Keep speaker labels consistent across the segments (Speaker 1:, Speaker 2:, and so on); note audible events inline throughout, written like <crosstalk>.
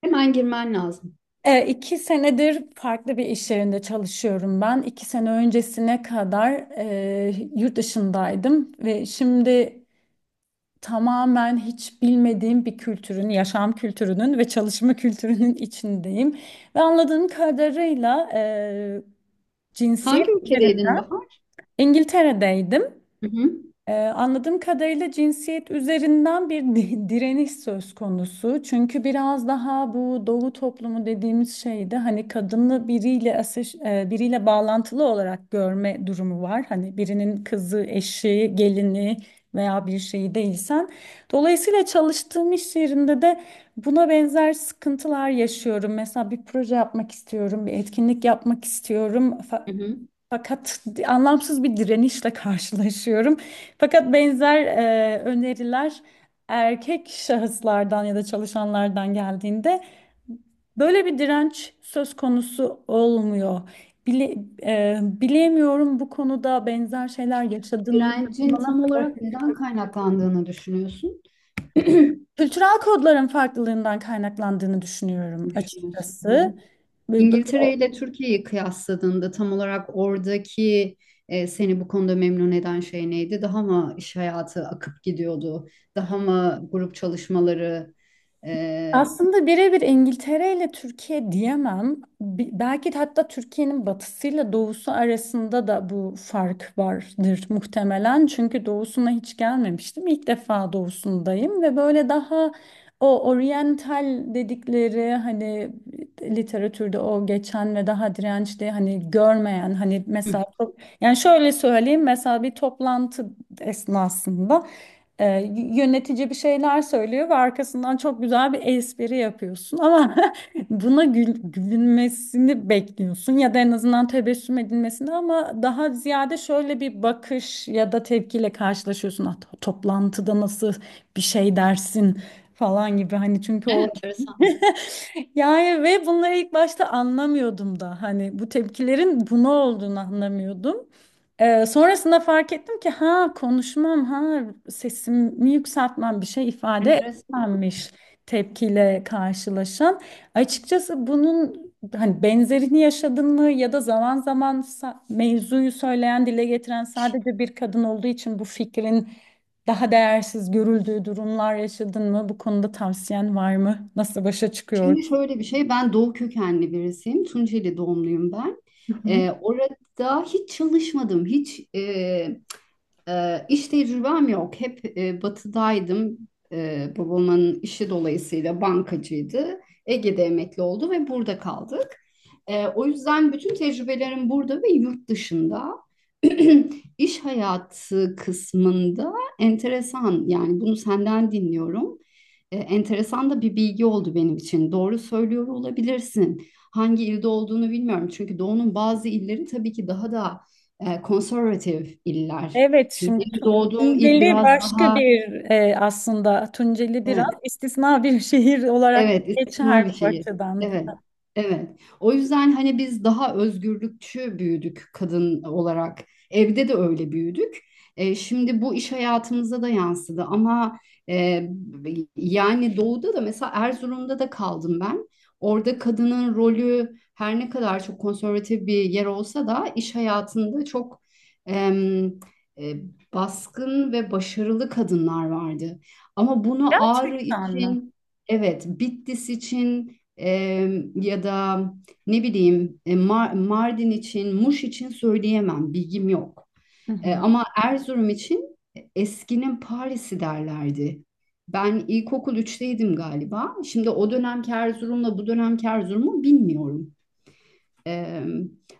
Speaker 1: Hemen girmen lazım.
Speaker 2: İki senedir farklı bir iş yerinde çalışıyorum ben. İki sene öncesine kadar yurt dışındaydım ve şimdi tamamen hiç bilmediğim bir kültürün, yaşam kültürünün ve çalışma <laughs> kültürünün içindeyim. Ve anladığım kadarıyla cinsiyet
Speaker 1: Hangi
Speaker 2: üzerine
Speaker 1: ülkedeydin Bahar?
Speaker 2: İngiltere'deydim.
Speaker 1: Hı hı.
Speaker 2: Anladığım kadarıyla cinsiyet üzerinden <laughs> direniş söz konusu. Çünkü biraz daha bu doğu toplumu dediğimiz şeyde hani kadını biriyle bağlantılı olarak görme durumu var. Hani birinin kızı, eşi, gelini veya bir şeyi değilsen. Dolayısıyla çalıştığım iş yerinde de buna benzer sıkıntılar yaşıyorum. Mesela bir proje yapmak istiyorum, bir etkinlik yapmak istiyorum.
Speaker 1: Hı hı.
Speaker 2: Fakat anlamsız bir direnişle karşılaşıyorum. Fakat benzer öneriler erkek şahıslardan ya da çalışanlardan geldiğinde böyle bir direnç söz konusu olmuyor. Bile, bilemiyorum bu konuda benzer şeyler yaşadığını
Speaker 1: Direncin
Speaker 2: bana
Speaker 1: tam
Speaker 2: kadar.
Speaker 1: olarak neden kaynaklandığını düşünüyorsun?
Speaker 2: Kültürel kodların farklılığından kaynaklandığını düşünüyorum
Speaker 1: Düşünüyorsun. Hı hı.
Speaker 2: açıkçası. Ve böyle
Speaker 1: İngiltere ile Türkiye'yi kıyasladığında tam olarak oradaki seni bu konuda memnun eden şey neydi? Daha mı iş hayatı akıp gidiyordu? Daha mı grup çalışmaları? E,
Speaker 2: aslında birebir İngiltere ile Türkiye diyemem. Belki de hatta Türkiye'nin batısıyla doğusu arasında da bu fark vardır muhtemelen. Çünkü doğusuna hiç gelmemiştim. İlk defa doğusundayım ve böyle daha o oryantal dedikleri hani literatürde o geçen ve daha dirençli hani görmeyen hani
Speaker 1: hı.
Speaker 2: mesela, yani şöyle söyleyeyim, mesela bir toplantı esnasında e, yönetici bir şeyler söylüyor ve arkasından çok güzel bir espri yapıyorsun ama <laughs> buna gülünmesini bekliyorsun ya da en azından tebessüm edilmesini, ama daha ziyade şöyle bir bakış ya da tepkiyle karşılaşıyorsun. "Ah, toplantıda nasıl bir şey dersin" falan gibi, hani çünkü o
Speaker 1: Evet, enteresan.
Speaker 2: <laughs> yani. Ve bunları ilk başta anlamıyordum da, hani bu tepkilerin buna olduğunu anlamıyordum. Sonrasında fark ettim ki ha konuşmam ha sesimi yükseltmem bir şey ifade
Speaker 1: Enteresan.
Speaker 2: etmemiş, tepkiyle karşılaşan. Açıkçası bunun hani benzerini yaşadın mı ya da zaman zaman mevzuyu söyleyen, dile getiren sadece bir kadın olduğu için bu fikrin daha değersiz görüldüğü durumlar yaşadın mı? Bu konuda tavsiyen var mı? Nasıl başa çıkıyor?
Speaker 1: Şimdi şöyle bir şey, ben Doğu kökenli birisiyim. Tunceli doğumluyum ben. Orada hiç çalışmadım, hiç iş tecrübem yok. Hep batıdaydım. Babamın işi dolayısıyla bankacıydı. Ege'de emekli oldu ve burada kaldık. O yüzden bütün tecrübelerim burada ve yurt dışında. <clears throat> İş hayatı kısmında enteresan, yani bunu senden dinliyorum. Enteresan da bir bilgi oldu benim için. Doğru söylüyor olabilirsin. Hangi ilde olduğunu bilmiyorum. Çünkü Doğu'nun bazı illeri tabii ki daha da konservatif iller.
Speaker 2: Evet
Speaker 1: Şimdi
Speaker 2: şimdi
Speaker 1: benim doğduğum il
Speaker 2: Tunceli
Speaker 1: biraz
Speaker 2: başka
Speaker 1: daha
Speaker 2: bir aslında Tunceli biraz
Speaker 1: evet.
Speaker 2: istisna bir <laughs> şehir olarak
Speaker 1: Evet, istisna bir
Speaker 2: geçer bu
Speaker 1: şey.
Speaker 2: açıdan.
Speaker 1: Evet, evet. O yüzden hani biz daha özgürlükçü büyüdük kadın olarak. Evde de öyle büyüdük. Şimdi bu iş hayatımıza da yansıdı ama e, yani doğuda da mesela Erzurum'da da kaldım ben. Orada kadının rolü her ne kadar çok konservatif bir yer olsa da iş hayatında çok em, e, baskın ve başarılı kadınlar vardı. Ama bunu Ağrı
Speaker 2: Gerçekten mi?
Speaker 1: için, evet, Bitlis için, ya da ne bileyim, Mardin için, Muş için söyleyemem, bilgim yok.
Speaker 2: Hı hı.
Speaker 1: Ama Erzurum için eskinin Paris'i derlerdi. Ben ilkokul üçteydim galiba. Şimdi o dönemki Erzurum'la bu dönemki Erzurum'u bilmiyorum. E,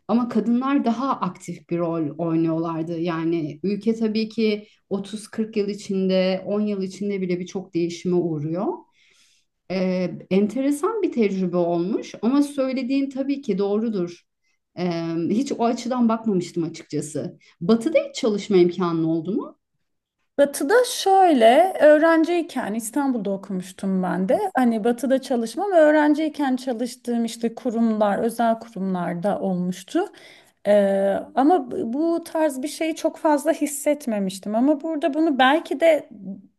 Speaker 1: Ama kadınlar daha aktif bir rol oynuyorlardı. Yani ülke tabii ki 30-40 yıl içinde, 10 yıl içinde bile birçok değişime uğruyor. Enteresan bir tecrübe olmuş ama söylediğin tabii ki doğrudur. Ee, Hiç o açıdan bakmamıştım açıkçası. Batı'da hiç çalışma imkanın oldu mu?
Speaker 2: Batı'da şöyle, öğrenciyken İstanbul'da okumuştum ben de. Hani Batı'da çalışmam, öğrenciyken çalıştığım işte kurumlar, özel kurumlarda olmuştu. Ee, Ama bu tarz bir şeyi çok fazla hissetmemiştim. Ama burada bunu belki de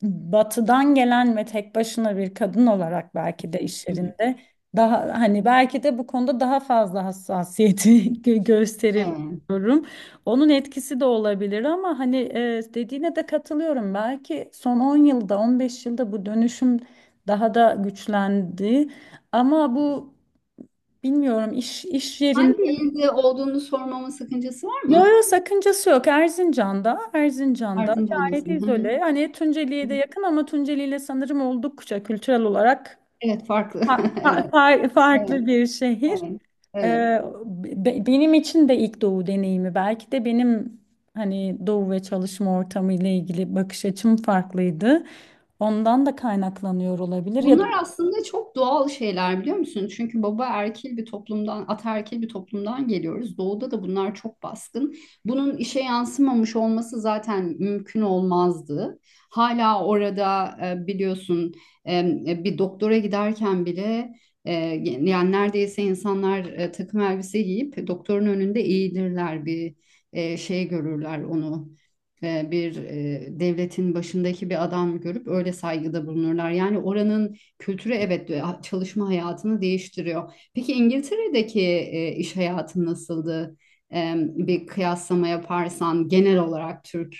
Speaker 2: Batı'dan gelen ve tek başına bir kadın olarak belki de iş
Speaker 1: Hı hı.
Speaker 2: yerinde daha, hani belki de bu konuda daha fazla hassasiyeti <laughs> gösterir,
Speaker 1: Evet.
Speaker 2: onun etkisi de olabilir ama hani dediğine de katılıyorum. Belki son 10 yılda, 15 yılda bu dönüşüm daha da güçlendi. Ama bu bilmiyorum iş yerinde.
Speaker 1: Hangi ilde olduğunu sormama sakıncası var
Speaker 2: Yo
Speaker 1: mı?
Speaker 2: yo sakıncası yok. Erzincan'da, Erzincan'da
Speaker 1: Ardınca
Speaker 2: gayet
Speaker 1: anlasın. Hı hı.
Speaker 2: izole. Hani
Speaker 1: Hı
Speaker 2: Tunceli'ye de
Speaker 1: hı.
Speaker 2: yakın ama Tunceli'yle sanırım oldukça kültürel olarak
Speaker 1: Evet, farklı. <laughs> Evet. Evet.
Speaker 2: farklı bir şehir.
Speaker 1: Evet. Evet.
Speaker 2: Ee, Benim için de ilk doğu deneyimi, belki de benim hani doğu ve çalışma ortamı ile ilgili bakış açım farklıydı. Ondan da kaynaklanıyor olabilir ya.
Speaker 1: Bunlar aslında çok doğal şeyler, biliyor musun? Çünkü baba erkil bir toplumdan, ataerkil bir toplumdan geliyoruz. Doğuda da bunlar çok baskın. Bunun işe yansımamış olması zaten mümkün olmazdı. Hala orada biliyorsun, bir doktora giderken bile e, yani neredeyse insanlar takım elbise giyip doktorun önünde eğilirler, bir şey görürler, onu bir devletin başındaki bir adam görüp öyle saygıda bulunurlar. Yani oranın kültürü, evet, çalışma hayatını değiştiriyor. Peki İngiltere'deki iş hayatı nasıldı? Bir kıyaslama yaparsan genel olarak Türk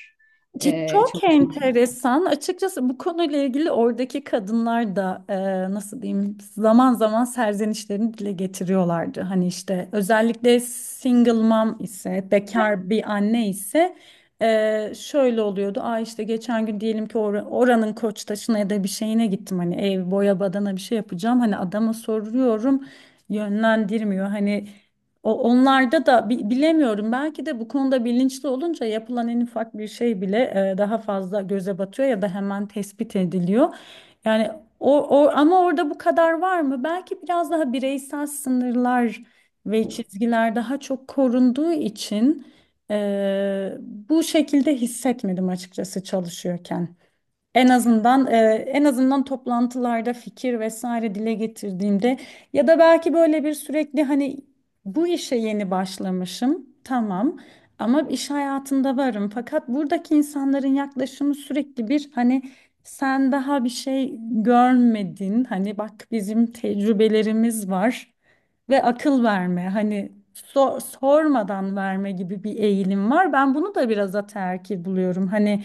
Speaker 2: Çok
Speaker 1: çalışma hayatı.
Speaker 2: enteresan. Açıkçası bu konuyla ilgili oradaki kadınlar da nasıl diyeyim zaman zaman serzenişlerini dile getiriyorlardı. Hani işte özellikle single mom ise, bekar bir anne ise, şöyle oluyordu. Aa işte geçen gün, diyelim ki, oranın Koçtaşı'na ya da bir şeyine gittim. Hani ev boya badana bir şey yapacağım. Hani adama soruyorum, yönlendirmiyor. Hani o, onlarda da bilemiyorum. Belki de bu konuda bilinçli olunca yapılan en ufak bir şey bile daha fazla göze batıyor ya da hemen tespit ediliyor. Yani o, o ama orada bu kadar var mı? Belki biraz daha bireysel sınırlar ve çizgiler daha çok korunduğu için e, bu şekilde hissetmedim açıkçası çalışıyorken. En azından e, En azından toplantılarda fikir vesaire dile getirdiğimde ya da belki böyle bir sürekli, hani bu işe yeni başlamışım tamam ama iş hayatında varım, fakat buradaki insanların yaklaşımı sürekli bir hani sen daha bir şey görmedin, hani bak bizim tecrübelerimiz var ve akıl verme, hani sormadan verme gibi bir eğilim var. Ben bunu da biraz ataerkil buluyorum, hani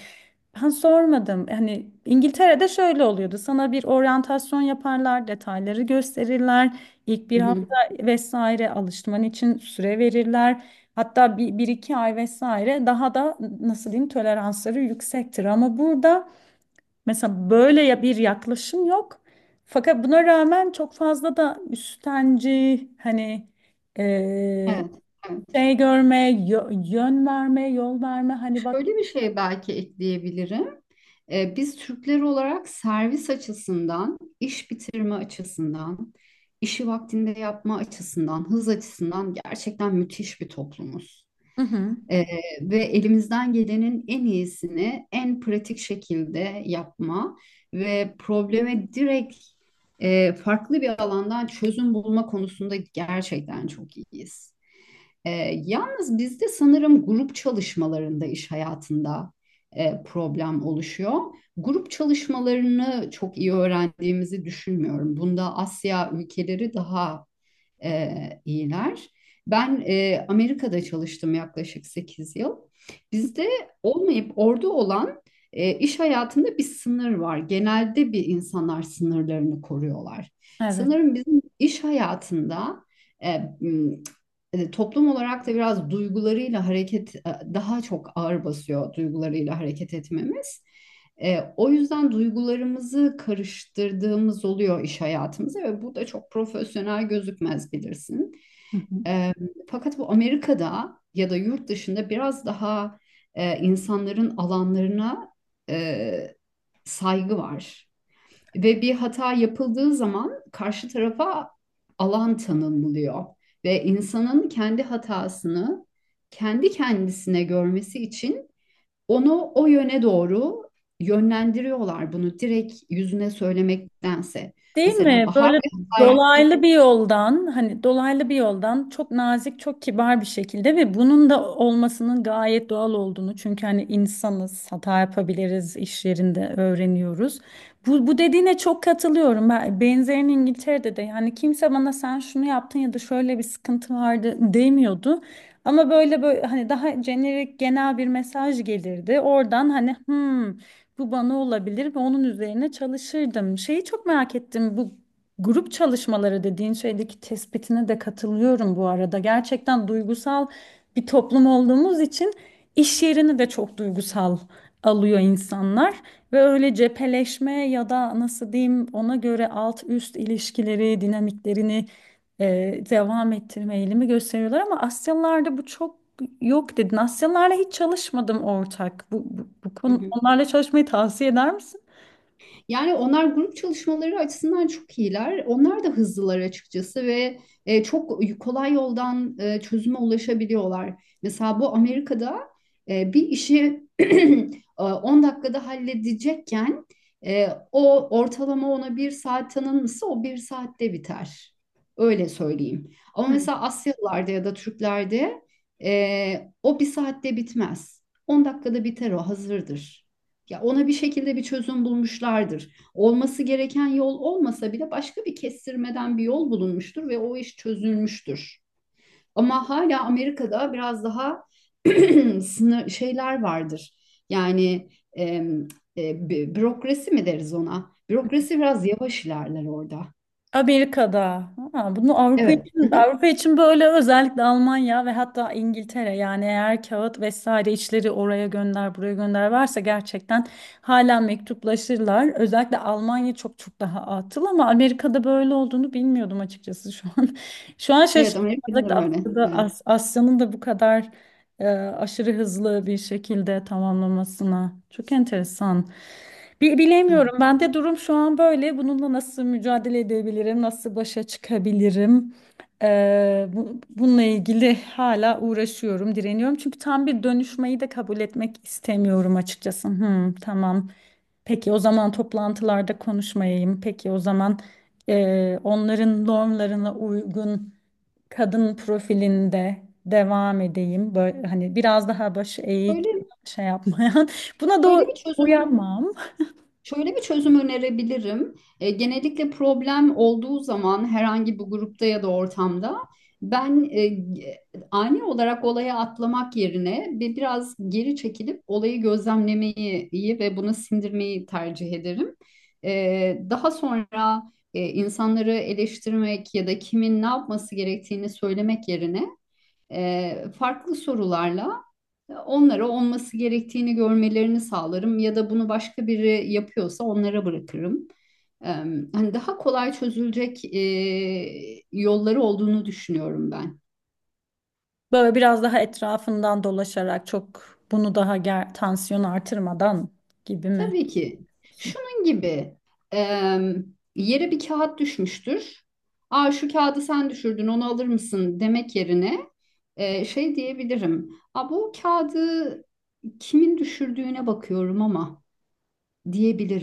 Speaker 2: ben sormadım. Hani İngiltere'de şöyle oluyordu. Sana bir oryantasyon yaparlar, detayları gösterirler. İlk bir
Speaker 1: Hı hı.
Speaker 2: hafta vesaire alışman için süre verirler. Hatta bir iki ay vesaire daha da, nasıl diyeyim, toleransları yüksektir. Ama burada mesela böyle ya bir yaklaşım yok. Fakat buna rağmen çok fazla da üstenci, hani eee,
Speaker 1: Evet, evet.
Speaker 2: şey görme, yön verme, yol verme, hani bak.
Speaker 1: Şöyle bir şey belki ekleyebilirim. Biz Türkler olarak servis açısından, iş bitirme açısından, işi vaktinde yapma açısından, hız açısından gerçekten müthiş bir toplumuz.
Speaker 2: Hı hı.
Speaker 1: Ee, Ve elimizden gelenin en iyisini en pratik şekilde yapma ve probleme direkt farklı bir alandan çözüm bulma konusunda gerçekten çok iyiyiz. Ee, Yalnız bizde sanırım grup çalışmalarında, iş hayatında problem oluşuyor. Grup çalışmalarını çok iyi öğrendiğimizi düşünmüyorum. Bunda Asya ülkeleri daha iyiler. Ben Amerika'da çalıştım yaklaşık 8 yıl. Bizde olmayıp orada olan iş hayatında bir sınır var. Genelde bir insanlar sınırlarını koruyorlar.
Speaker 2: Evet.
Speaker 1: Sanırım bizim iş hayatında e, m, toplum olarak da biraz duygularıyla hareket daha çok ağır basıyor, duygularıyla hareket etmemiz. O yüzden duygularımızı karıştırdığımız oluyor iş hayatımıza ve bu da çok profesyonel gözükmez, bilirsin.
Speaker 2: Hı hı.
Speaker 1: E, Fakat bu Amerika'da ya da yurt dışında biraz daha insanların alanlarına e, saygı var. Ve bir hata yapıldığı zaman karşı tarafa alan tanınılıyor. Ve insanın kendi hatasını kendi kendisine görmesi için onu o yöne doğru yönlendiriyorlar, bunu direkt yüzüne söylemektense.
Speaker 2: Değil
Speaker 1: Mesela
Speaker 2: mi?
Speaker 1: Bahar
Speaker 2: Böyle
Speaker 1: bir hata yaptı.
Speaker 2: dolaylı bir yoldan, hani dolaylı bir yoldan çok nazik, çok kibar bir şekilde, ve bunun da olmasının gayet doğal olduğunu. Çünkü hani insanız, hata yapabiliriz, iş yerinde öğreniyoruz. Bu dediğine çok katılıyorum. Ben, benzerini İngiltere'de de, yani kimse bana sen şunu yaptın ya da şöyle bir sıkıntı vardı demiyordu. Ama böyle böyle hani daha jenerik, genel bir mesaj gelirdi. Oradan hani "Hmm, bu bana olabilir" ve onun üzerine çalışırdım. Şeyi çok merak ettim. Bu grup çalışmaları dediğin şeydeki tespitine de katılıyorum bu arada. Gerçekten duygusal bir toplum olduğumuz için iş yerini de çok duygusal alıyor insanlar ve öyle cepheleşme ya da nasıl diyeyim, ona göre alt üst ilişkileri, dinamiklerini devam ettirme eğilimi gösteriyorlar, ama Asyalılarda bu çok yok dedin. Asyalılarla hiç çalışmadım ortak. Bu
Speaker 1: Hı
Speaker 2: konu,
Speaker 1: hı.
Speaker 2: onlarla çalışmayı tavsiye eder misin?
Speaker 1: Yani onlar grup çalışmaları açısından çok iyiler. Onlar da hızlılar açıkçası ve çok kolay yoldan çözüme ulaşabiliyorlar. Mesela bu Amerika'da bir işi <clears throat> 10 dakikada halledecekken, o ortalama ona bir saat tanınmışsa, o bir saatte biter. Öyle söyleyeyim. Ama mesela Asyalılarda ya da Türklerde o bir saatte bitmez. 10 dakikada biter, o hazırdır. Ya ona bir şekilde bir çözüm bulmuşlardır. Olması gereken yol olmasa bile başka bir kestirmeden bir yol bulunmuştur ve o iş çözülmüştür. Ama hala Amerika'da biraz daha <clears throat> <laughs> sınır şeyler vardır. Yani bürokrasi mi deriz ona? Bürokrasi biraz yavaş ilerler orada.
Speaker 2: Amerika'da. Ha, bunu Avrupa
Speaker 1: Evet.
Speaker 2: için
Speaker 1: <laughs>
Speaker 2: Avrupa için böyle, özellikle Almanya ve hatta İngiltere, yani eğer kağıt vesaire işleri oraya gönder buraya gönder varsa gerçekten hala mektuplaşırlar. Özellikle Almanya çok çok daha atıl, ama Amerika'da böyle olduğunu bilmiyordum açıkçası şu an. <laughs> Şu an
Speaker 1: Evet,
Speaker 2: şaşırdım.
Speaker 1: Amerika'da da
Speaker 2: Özellikle
Speaker 1: böyle.
Speaker 2: Afrika'da, Asya'nın da bu kadar e, aşırı hızlı bir şekilde tamamlamasına. Çok enteresan.
Speaker 1: <laughs>
Speaker 2: Bilemiyorum. Ben de durum şu an böyle. Bununla nasıl mücadele edebilirim? Nasıl başa çıkabilirim? Bununla ilgili hala uğraşıyorum, direniyorum. Çünkü tam bir dönüşmeyi de kabul etmek istemiyorum açıkçası. Hmm, tamam. Peki o zaman toplantılarda konuşmayayım. Peki o zaman onların normlarına uygun kadın profilinde devam edeyim. Böyle hani biraz daha başı eğik,
Speaker 1: Şöyle,
Speaker 2: şey yapmayan. <laughs> Buna
Speaker 1: şöyle
Speaker 2: doğru
Speaker 1: bir çözüm
Speaker 2: uyanmam.
Speaker 1: Şöyle bir çözüm önerebilirim. Genellikle problem olduğu zaman herhangi bir grupta ya da ortamda ben ani olarak olaya atlamak yerine biraz geri çekilip olayı gözlemlemeyi iyi ve bunu sindirmeyi tercih ederim. Daha sonra insanları eleştirmek ya da kimin ne yapması gerektiğini söylemek yerine farklı sorularla onlara olması gerektiğini görmelerini sağlarım ya da bunu başka biri yapıyorsa onlara bırakırım. Eee, Hani daha kolay çözülecek yolları olduğunu düşünüyorum ben.
Speaker 2: Böyle biraz daha etrafından dolaşarak, çok bunu daha tansiyonu artırmadan gibi mi?
Speaker 1: Tabii ki şunun gibi, eee, yere bir kağıt düşmüştür. Aa, şu kağıdı sen düşürdün, onu alır mısın, demek yerine şey diyebilirim. Aa, bu kağıdı kimin düşürdüğüne bakıyorum ama,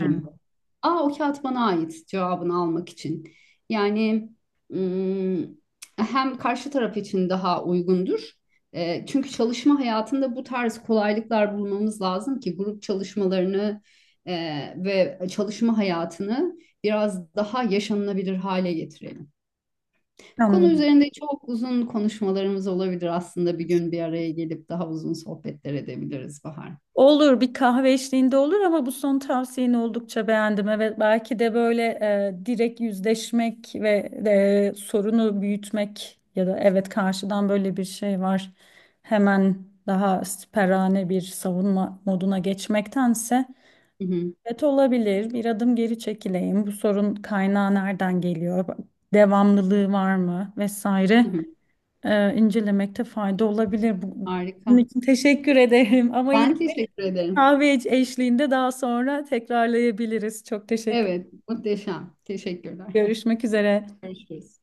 Speaker 2: Hı.
Speaker 1: Aa, o kağıt bana ait cevabını almak için. Yani ım, hem karşı taraf için daha uygundur. Çünkü çalışma hayatında bu tarz kolaylıklar bulmamız lazım ki grup çalışmalarını ve çalışma hayatını biraz daha yaşanılabilir hale getirelim. Bu konu
Speaker 2: Anlıyorum.
Speaker 1: üzerinde çok uzun konuşmalarımız olabilir, aslında bir gün bir araya gelip daha uzun sohbetler edebiliriz Bahar.
Speaker 2: Olur, bir kahve eşliğinde olur. Ama bu son tavsiyeni oldukça beğendim. Evet belki de böyle direkt yüzleşmek ve sorunu büyütmek ya da evet karşıdan böyle bir şey var. Hemen daha siperhane bir savunma moduna geçmektense,
Speaker 1: Hı hı,
Speaker 2: evet olabilir, bir adım geri çekileyim. Bu sorun kaynağı nereden geliyor? Devamlılığı var mı vesaire,
Speaker 1: hı hı.
Speaker 2: incelemekte fayda olabilir. Bunun
Speaker 1: Harika.
Speaker 2: için teşekkür ederim <laughs> ama yine
Speaker 1: Ben teşekkür ederim.
Speaker 2: kahve eşliğinde daha sonra tekrarlayabiliriz. Çok teşekkür.
Speaker 1: Evet, muhteşem. Teşekkürler.
Speaker 2: Görüşmek üzere.
Speaker 1: Görüşürüz.